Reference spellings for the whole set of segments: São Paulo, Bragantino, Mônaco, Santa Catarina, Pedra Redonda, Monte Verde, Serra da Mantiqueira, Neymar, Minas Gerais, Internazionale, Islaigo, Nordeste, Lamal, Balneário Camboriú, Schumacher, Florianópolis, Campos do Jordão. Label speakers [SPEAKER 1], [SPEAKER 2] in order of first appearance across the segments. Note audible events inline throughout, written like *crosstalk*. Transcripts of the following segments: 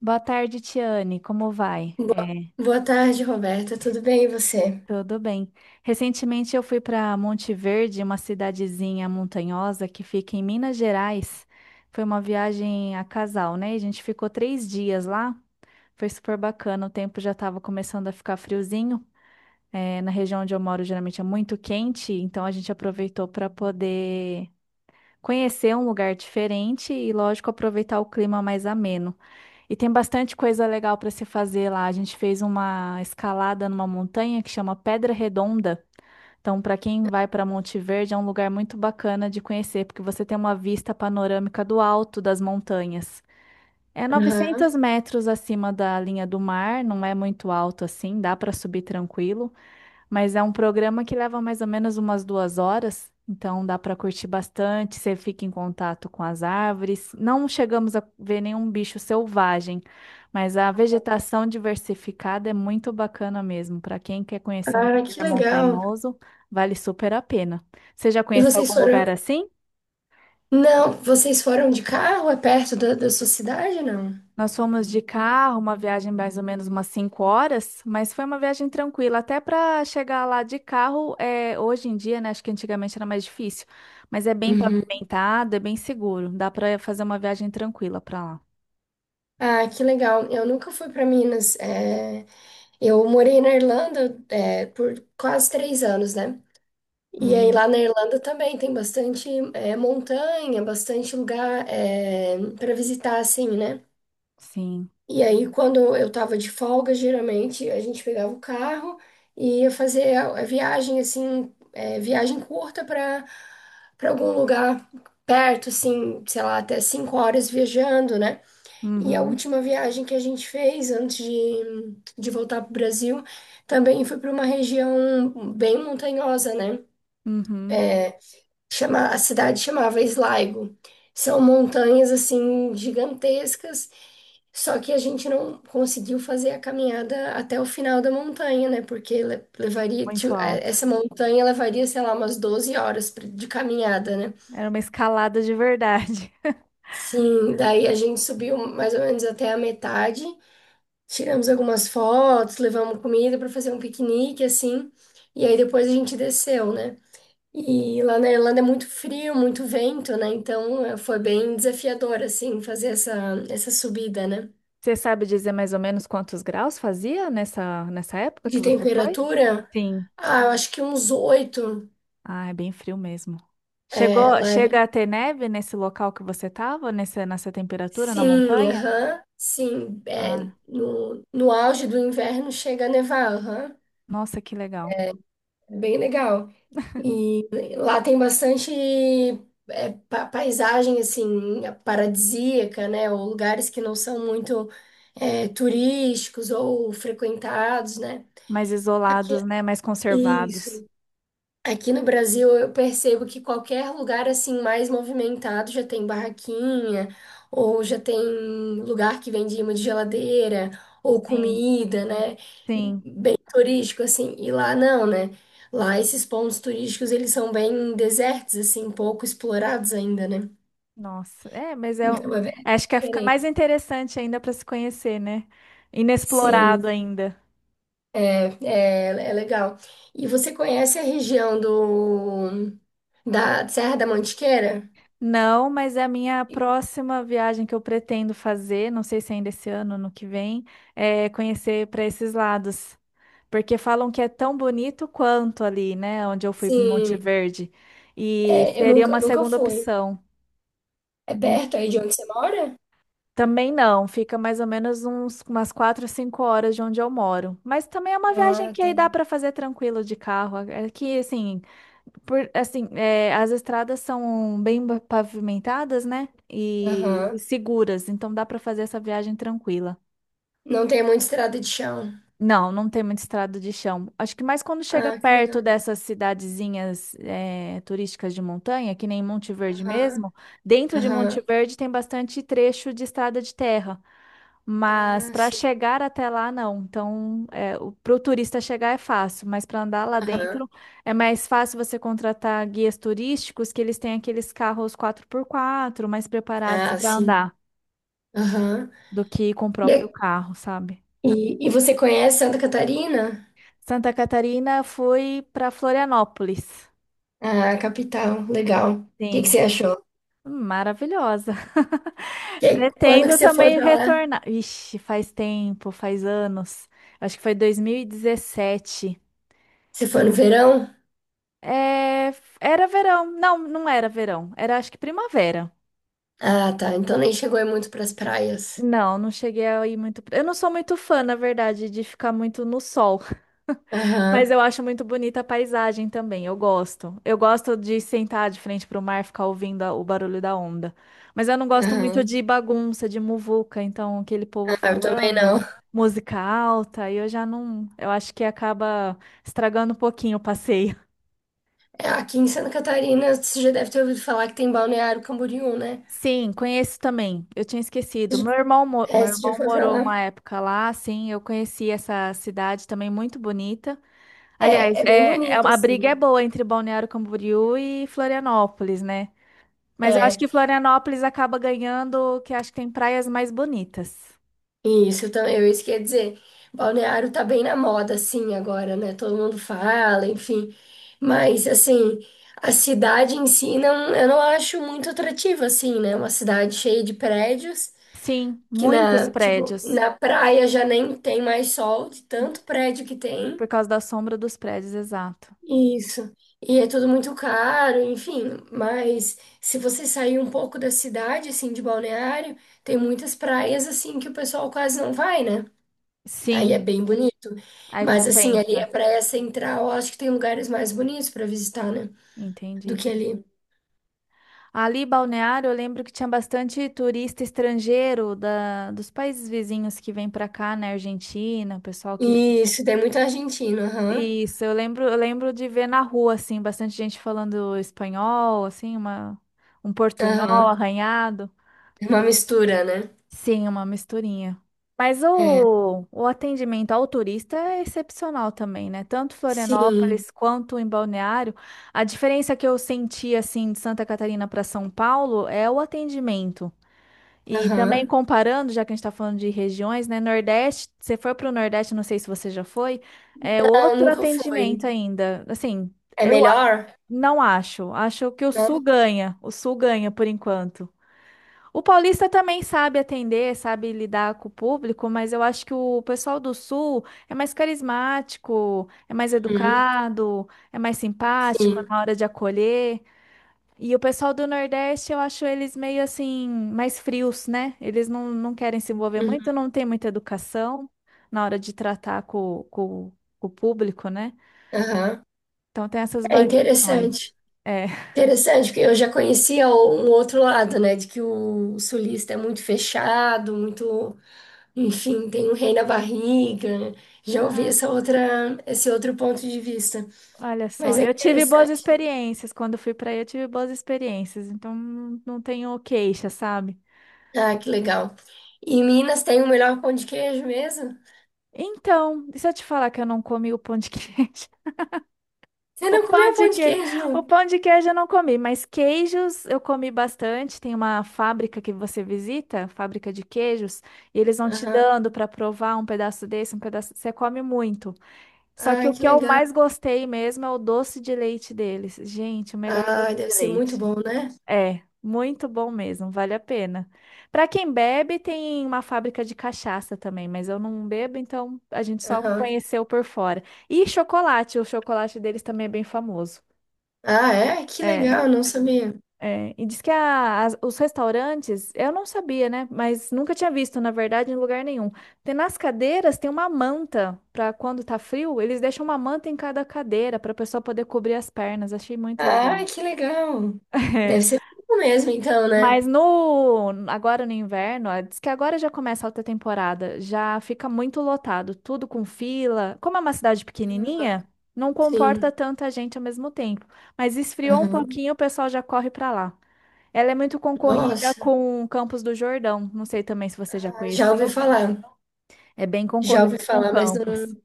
[SPEAKER 1] Boa tarde, Tiane. Como vai?
[SPEAKER 2] Boa,
[SPEAKER 1] É,
[SPEAKER 2] boa tarde, Roberta. Tudo bem e você?
[SPEAKER 1] tudo bem. Recentemente eu fui para Monte Verde, uma cidadezinha montanhosa que fica em Minas Gerais. Foi uma viagem a casal, né? A gente ficou 3 dias lá. Foi super bacana. O tempo já estava começando a ficar friozinho. É, na região onde eu moro, geralmente é muito quente, então a gente aproveitou para poder conhecer um lugar diferente e, lógico, aproveitar o clima mais ameno. E tem bastante coisa legal para se fazer lá. A gente fez uma escalada numa montanha que chama Pedra Redonda. Então, para quem vai para Monte Verde, é um lugar muito bacana de conhecer, porque você tem uma vista panorâmica do alto das montanhas. É
[SPEAKER 2] Aham.
[SPEAKER 1] 900 metros acima da linha do mar, não é muito alto assim, dá para subir tranquilo. Mas é um programa que leva mais ou menos umas 2 horas, então dá para curtir bastante. Você fica em contato com as árvores. Não chegamos a ver nenhum bicho selvagem, mas a vegetação diversificada é muito bacana mesmo. Para quem quer conhecer um
[SPEAKER 2] Ah, que
[SPEAKER 1] lugar
[SPEAKER 2] legal.
[SPEAKER 1] montanhoso, vale super a pena. Você já
[SPEAKER 2] E
[SPEAKER 1] conheceu
[SPEAKER 2] vocês
[SPEAKER 1] algum
[SPEAKER 2] foram.
[SPEAKER 1] lugar assim?
[SPEAKER 2] Não, vocês foram de carro? É perto da sua cidade, não?
[SPEAKER 1] Nós fomos de carro, uma viagem mais ou menos umas 5 horas, mas foi uma viagem tranquila. Até para chegar lá de carro, é, hoje em dia, né? Acho que antigamente era mais difícil, mas é bem
[SPEAKER 2] Uhum.
[SPEAKER 1] pavimentado, é bem seguro. Dá para fazer uma viagem tranquila para lá.
[SPEAKER 2] Ah, que legal. Eu nunca fui para Minas. Eu morei na Irlanda, por quase 3 anos, né? E aí lá
[SPEAKER 1] Uhum,
[SPEAKER 2] na Irlanda também tem bastante, montanha, bastante lugar para visitar, assim, né?
[SPEAKER 1] sim.
[SPEAKER 2] E aí, quando eu tava de folga, geralmente a gente pegava o carro e ia fazer a viagem, assim, viagem curta para algum lugar perto, assim, sei lá, até 5 horas viajando, né? E a
[SPEAKER 1] Uhum,
[SPEAKER 2] última viagem que a gente fez antes de voltar para o Brasil também foi para uma região bem montanhosa, né?
[SPEAKER 1] uhum.
[SPEAKER 2] A cidade chamava Islaigo. São montanhas, assim, gigantescas. Só que a gente não conseguiu fazer a caminhada até o final da montanha, né? Porque
[SPEAKER 1] Muito alto.
[SPEAKER 2] essa montanha levaria, sei lá, umas 12 horas de caminhada, né?
[SPEAKER 1] Era uma escalada de verdade. *laughs*
[SPEAKER 2] Sim, daí a gente subiu mais ou menos até a metade, tiramos algumas fotos, levamos comida para fazer um piquenique, assim, e aí depois a gente desceu, né? E lá na Irlanda é muito frio, muito vento, né? Então foi bem desafiador, assim, fazer essa subida, né?
[SPEAKER 1] Você sabe dizer mais ou menos quantos graus fazia nessa época que
[SPEAKER 2] De
[SPEAKER 1] você foi?
[SPEAKER 2] temperatura.
[SPEAKER 1] Sim.
[SPEAKER 2] Ah, eu acho que uns oito,
[SPEAKER 1] Ah, é bem frio mesmo. Chega
[SPEAKER 2] level.
[SPEAKER 1] a ter neve nesse local que você estava, nessa temperatura, na
[SPEAKER 2] Sim,
[SPEAKER 1] montanha?
[SPEAKER 2] aham. Sim,
[SPEAKER 1] Ah,
[SPEAKER 2] no auge do inverno chega a nevar, aham.
[SPEAKER 1] nossa, que legal.
[SPEAKER 2] É bem legal. E lá tem bastante, paisagem, assim, paradisíaca, né? Ou lugares que não são muito, turísticos ou frequentados, né?
[SPEAKER 1] Mais isolados, né? Mais
[SPEAKER 2] Isso.
[SPEAKER 1] conservados.
[SPEAKER 2] Aqui no Brasil, eu percebo que qualquer lugar assim mais movimentado já tem barraquinha, ou já tem lugar que vende imã de geladeira, ou
[SPEAKER 1] Sim,
[SPEAKER 2] comida, né?
[SPEAKER 1] sim.
[SPEAKER 2] Bem turístico assim. E lá não, né? Lá esses pontos turísticos, eles são bem desertos assim, pouco explorados ainda, né?
[SPEAKER 1] Nossa, é, mas é,
[SPEAKER 2] Então é bem
[SPEAKER 1] acho que é, fica
[SPEAKER 2] diferente.
[SPEAKER 1] mais interessante ainda para se conhecer, né? Inexplorado
[SPEAKER 2] Sim,
[SPEAKER 1] ainda.
[SPEAKER 2] é, é legal. E você conhece a região do da Serra da Mantiqueira?
[SPEAKER 1] Não, mas é a minha próxima viagem que eu pretendo fazer, não sei se ainda esse ano, no que vem, é conhecer para esses lados. Porque falam que é tão bonito quanto ali, né? Onde eu fui em Monte
[SPEAKER 2] Sim.
[SPEAKER 1] Verde. E
[SPEAKER 2] Eu
[SPEAKER 1] seria
[SPEAKER 2] nunca,
[SPEAKER 1] uma
[SPEAKER 2] nunca
[SPEAKER 1] segunda
[SPEAKER 2] fui.
[SPEAKER 1] opção.
[SPEAKER 2] É
[SPEAKER 1] Não-
[SPEAKER 2] perto aí de onde você mora?
[SPEAKER 1] também não, fica mais ou menos umas 4, 5 horas de onde eu moro. Mas também é uma viagem
[SPEAKER 2] Ah,
[SPEAKER 1] que
[SPEAKER 2] tá.
[SPEAKER 1] aí dá para fazer tranquilo de carro. É que, assim, por, assim, é, as estradas são bem pavimentadas, né? E
[SPEAKER 2] Aham.
[SPEAKER 1] seguras, então dá para fazer essa viagem tranquila.
[SPEAKER 2] Não tem muita estrada de chão.
[SPEAKER 1] Não tem muita estrada de chão. Acho que mais quando chega
[SPEAKER 2] Ah, que
[SPEAKER 1] perto
[SPEAKER 2] legal.
[SPEAKER 1] dessas cidadezinhas turísticas de montanha, que nem Monte Verde
[SPEAKER 2] Aham,
[SPEAKER 1] mesmo, dentro de Monte
[SPEAKER 2] aham.
[SPEAKER 1] Verde tem bastante trecho de estrada de terra. Mas
[SPEAKER 2] Ah,
[SPEAKER 1] para
[SPEAKER 2] sim.
[SPEAKER 1] chegar até lá, não. Então, para o turista chegar é fácil, mas para andar lá
[SPEAKER 2] Aham.
[SPEAKER 1] dentro é mais fácil você contratar guias turísticos que eles têm aqueles carros 4x4 mais preparados
[SPEAKER 2] Ah,
[SPEAKER 1] para
[SPEAKER 2] sim.
[SPEAKER 1] andar
[SPEAKER 2] Aham.
[SPEAKER 1] do que com o próprio
[SPEAKER 2] E,
[SPEAKER 1] carro, sabe?
[SPEAKER 2] e você conhece Santa Catarina?
[SPEAKER 1] Santa Catarina, fui para Florianópolis.
[SPEAKER 2] Ah, capital. Legal. O que que
[SPEAKER 1] Sim.
[SPEAKER 2] você achou?
[SPEAKER 1] Maravilhosa. *laughs*
[SPEAKER 2] Quando que
[SPEAKER 1] Pretendo
[SPEAKER 2] você foi
[SPEAKER 1] também
[SPEAKER 2] pra lá?
[SPEAKER 1] retornar. Ixi, faz tempo, faz anos. Acho que foi 2017.
[SPEAKER 2] Você foi no verão?
[SPEAKER 1] É, era verão. Não era verão. Era acho que primavera.
[SPEAKER 2] Ah, tá. Então nem chegou aí muito pras praias.
[SPEAKER 1] Não cheguei a ir muito. Eu não sou muito fã, na verdade, de ficar muito no sol. Mas
[SPEAKER 2] Aham,
[SPEAKER 1] eu acho muito bonita a paisagem também, eu gosto. Eu gosto de sentar de frente para o mar, ficar ouvindo o barulho da onda. Mas eu não gosto muito
[SPEAKER 2] aham.
[SPEAKER 1] de bagunça, de muvuca, então aquele povo
[SPEAKER 2] Ah, eu também não.
[SPEAKER 1] falando, música alta, e eu já não, eu acho que acaba estragando um pouquinho o passeio.
[SPEAKER 2] É, aqui em Santa Catarina, você já deve ter ouvido falar que tem Balneário Camboriú, né?
[SPEAKER 1] Sim, conheço também. Eu tinha esquecido. Meu irmão, mo-
[SPEAKER 2] É,
[SPEAKER 1] meu
[SPEAKER 2] você já
[SPEAKER 1] irmão
[SPEAKER 2] foi pra
[SPEAKER 1] morou
[SPEAKER 2] lá?
[SPEAKER 1] uma época lá, sim, eu conheci essa cidade também muito bonita.
[SPEAKER 2] É,
[SPEAKER 1] Aliás,
[SPEAKER 2] é bem
[SPEAKER 1] é,
[SPEAKER 2] bonito,
[SPEAKER 1] a briga é
[SPEAKER 2] assim.
[SPEAKER 1] boa entre Balneário Camboriú e Florianópolis, né? Mas eu acho
[SPEAKER 2] É,
[SPEAKER 1] que Florianópolis acaba ganhando, que acho que tem praias mais bonitas.
[SPEAKER 2] isso, isso quer dizer, Balneário tá bem na moda, assim, agora, né? Todo mundo fala, enfim. Mas, assim, a cidade em si, não, eu não acho muito atrativa, assim, né? Uma cidade cheia de prédios,
[SPEAKER 1] Sim,
[SPEAKER 2] que
[SPEAKER 1] muitos
[SPEAKER 2] na, tipo,
[SPEAKER 1] prédios.
[SPEAKER 2] na praia já nem tem mais sol, de tanto prédio que tem.
[SPEAKER 1] Por causa da sombra dos prédios, exato.
[SPEAKER 2] Isso. E é tudo muito caro, enfim. Mas se você sair um pouco da cidade, assim, de Balneário, tem muitas praias, assim, que o pessoal quase não vai, né? Aí é
[SPEAKER 1] Sim,
[SPEAKER 2] bem bonito.
[SPEAKER 1] aí
[SPEAKER 2] Mas, assim, ali a
[SPEAKER 1] compensa.
[SPEAKER 2] praia central, eu acho que tem lugares mais bonitos para visitar, né? Do
[SPEAKER 1] Entendi.
[SPEAKER 2] que ali.
[SPEAKER 1] Ali, Balneário, eu lembro que tinha bastante turista estrangeiro dos países vizinhos que vem pra cá, né? Argentina, o pessoal que.
[SPEAKER 2] Isso, tem muito argentino, aham.
[SPEAKER 1] Isso, eu lembro de ver na rua, assim, bastante gente falando espanhol, assim, um portunhol
[SPEAKER 2] Aham.
[SPEAKER 1] arranhado.
[SPEAKER 2] É uma mistura, né?
[SPEAKER 1] Sim, uma misturinha. Mas
[SPEAKER 2] É.
[SPEAKER 1] o atendimento ao turista é excepcional também, né? Tanto
[SPEAKER 2] Sim.
[SPEAKER 1] Florianópolis quanto em Balneário. A diferença que eu senti, assim, de Santa Catarina para São Paulo é o atendimento. E também
[SPEAKER 2] Aham.
[SPEAKER 1] comparando, já que a gente está falando de regiões, né? Nordeste, você foi para o Nordeste, não sei se você já foi, é
[SPEAKER 2] Não,
[SPEAKER 1] outro
[SPEAKER 2] nunca
[SPEAKER 1] atendimento
[SPEAKER 2] fui.
[SPEAKER 1] ainda. Assim,
[SPEAKER 2] É
[SPEAKER 1] eu
[SPEAKER 2] melhor?
[SPEAKER 1] não acho. Acho que o Sul
[SPEAKER 2] Não?
[SPEAKER 1] ganha. O Sul ganha por enquanto. O paulista também sabe atender, sabe lidar com o público, mas eu acho que o pessoal do sul é mais carismático, é mais
[SPEAKER 2] Uhum.
[SPEAKER 1] educado, é mais simpático
[SPEAKER 2] Sim.
[SPEAKER 1] na hora de acolher. E o pessoal do Nordeste, eu acho eles meio assim, mais frios, né? Eles não querem se envolver
[SPEAKER 2] Uhum.
[SPEAKER 1] muito, não tem muita educação na hora de tratar com, com o público, né?
[SPEAKER 2] Aham.
[SPEAKER 1] Então tem essas
[SPEAKER 2] É
[SPEAKER 1] variações.
[SPEAKER 2] interessante.
[SPEAKER 1] É.
[SPEAKER 2] Interessante, porque eu já conhecia um outro lado, né? De que o sulista é muito fechado, muito, enfim, tem um rei na barriga, né? Já ouvi essa outra, esse outro ponto de vista.
[SPEAKER 1] Olha só,
[SPEAKER 2] Mas é
[SPEAKER 1] eu tive boas
[SPEAKER 2] interessante, né?
[SPEAKER 1] experiências. Quando fui pra aí, eu tive boas experiências. Então, não tenho queixa, sabe?
[SPEAKER 2] Ah, que legal. E em Minas tem o melhor pão de queijo mesmo?
[SPEAKER 1] Então, e se eu te falar que eu não comi o pão de queijo? *laughs*
[SPEAKER 2] Você
[SPEAKER 1] O
[SPEAKER 2] não
[SPEAKER 1] pão
[SPEAKER 2] comeu
[SPEAKER 1] de
[SPEAKER 2] pão de
[SPEAKER 1] queijo, o
[SPEAKER 2] queijo?
[SPEAKER 1] pão de queijo eu não comi, mas queijos eu comi bastante. Tem uma fábrica que você visita, fábrica de queijos, e eles vão te
[SPEAKER 2] Aham.
[SPEAKER 1] dando para provar um pedaço desse, um pedaço. Você come muito. Só que
[SPEAKER 2] Ah,
[SPEAKER 1] o
[SPEAKER 2] que
[SPEAKER 1] que eu
[SPEAKER 2] legal.
[SPEAKER 1] mais gostei mesmo é o doce de leite deles. Gente, o melhor doce
[SPEAKER 2] Ah, deve
[SPEAKER 1] de
[SPEAKER 2] ser muito
[SPEAKER 1] leite.
[SPEAKER 2] bom, né?
[SPEAKER 1] É, muito bom mesmo, vale a pena. Para quem bebe, tem uma fábrica de cachaça também, mas eu não bebo, então a gente só
[SPEAKER 2] Aham.
[SPEAKER 1] conheceu por fora. E chocolate, o chocolate deles também é bem famoso.
[SPEAKER 2] Ah, é? Que
[SPEAKER 1] É,
[SPEAKER 2] legal, não sabia.
[SPEAKER 1] é. E diz que os restaurantes, eu não sabia, né? Mas nunca tinha visto, na verdade, em lugar nenhum. Tem nas cadeiras tem uma manta para quando tá frio, eles deixam uma manta em cada cadeira para a pessoa poder cobrir as pernas. Achei muito legal.
[SPEAKER 2] Ai, que legal. Deve
[SPEAKER 1] *laughs*
[SPEAKER 2] ser fofo mesmo, então, né?
[SPEAKER 1] Mas agora no inverno, ó, diz que agora já começa a alta temporada, já fica muito lotado, tudo com fila. Como é uma cidade pequenininha, não comporta
[SPEAKER 2] Sim.
[SPEAKER 1] tanta gente ao mesmo tempo. Mas esfriou um
[SPEAKER 2] Aham.
[SPEAKER 1] pouquinho, o pessoal já corre para lá. Ela é muito concorrida
[SPEAKER 2] Nossa.
[SPEAKER 1] com Campos do Jordão. Não sei também se você já
[SPEAKER 2] Ah, já ouvi
[SPEAKER 1] conheceu.
[SPEAKER 2] falar.
[SPEAKER 1] É bem
[SPEAKER 2] Já ouvi
[SPEAKER 1] concorrida com
[SPEAKER 2] falar, mas
[SPEAKER 1] Campos.
[SPEAKER 2] não,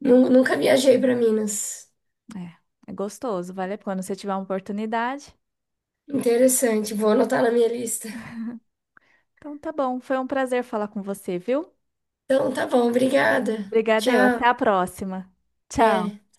[SPEAKER 2] nunca viajei para Minas.
[SPEAKER 1] É gostoso, vale a pena. Se você tiver uma oportunidade.
[SPEAKER 2] Interessante, vou anotar na minha lista.
[SPEAKER 1] Então tá bom, foi um prazer falar com você, viu?
[SPEAKER 2] Então, tá bom, obrigada.
[SPEAKER 1] Obrigada, eu.
[SPEAKER 2] Tchau.
[SPEAKER 1] Até a próxima. Tchau.
[SPEAKER 2] Até.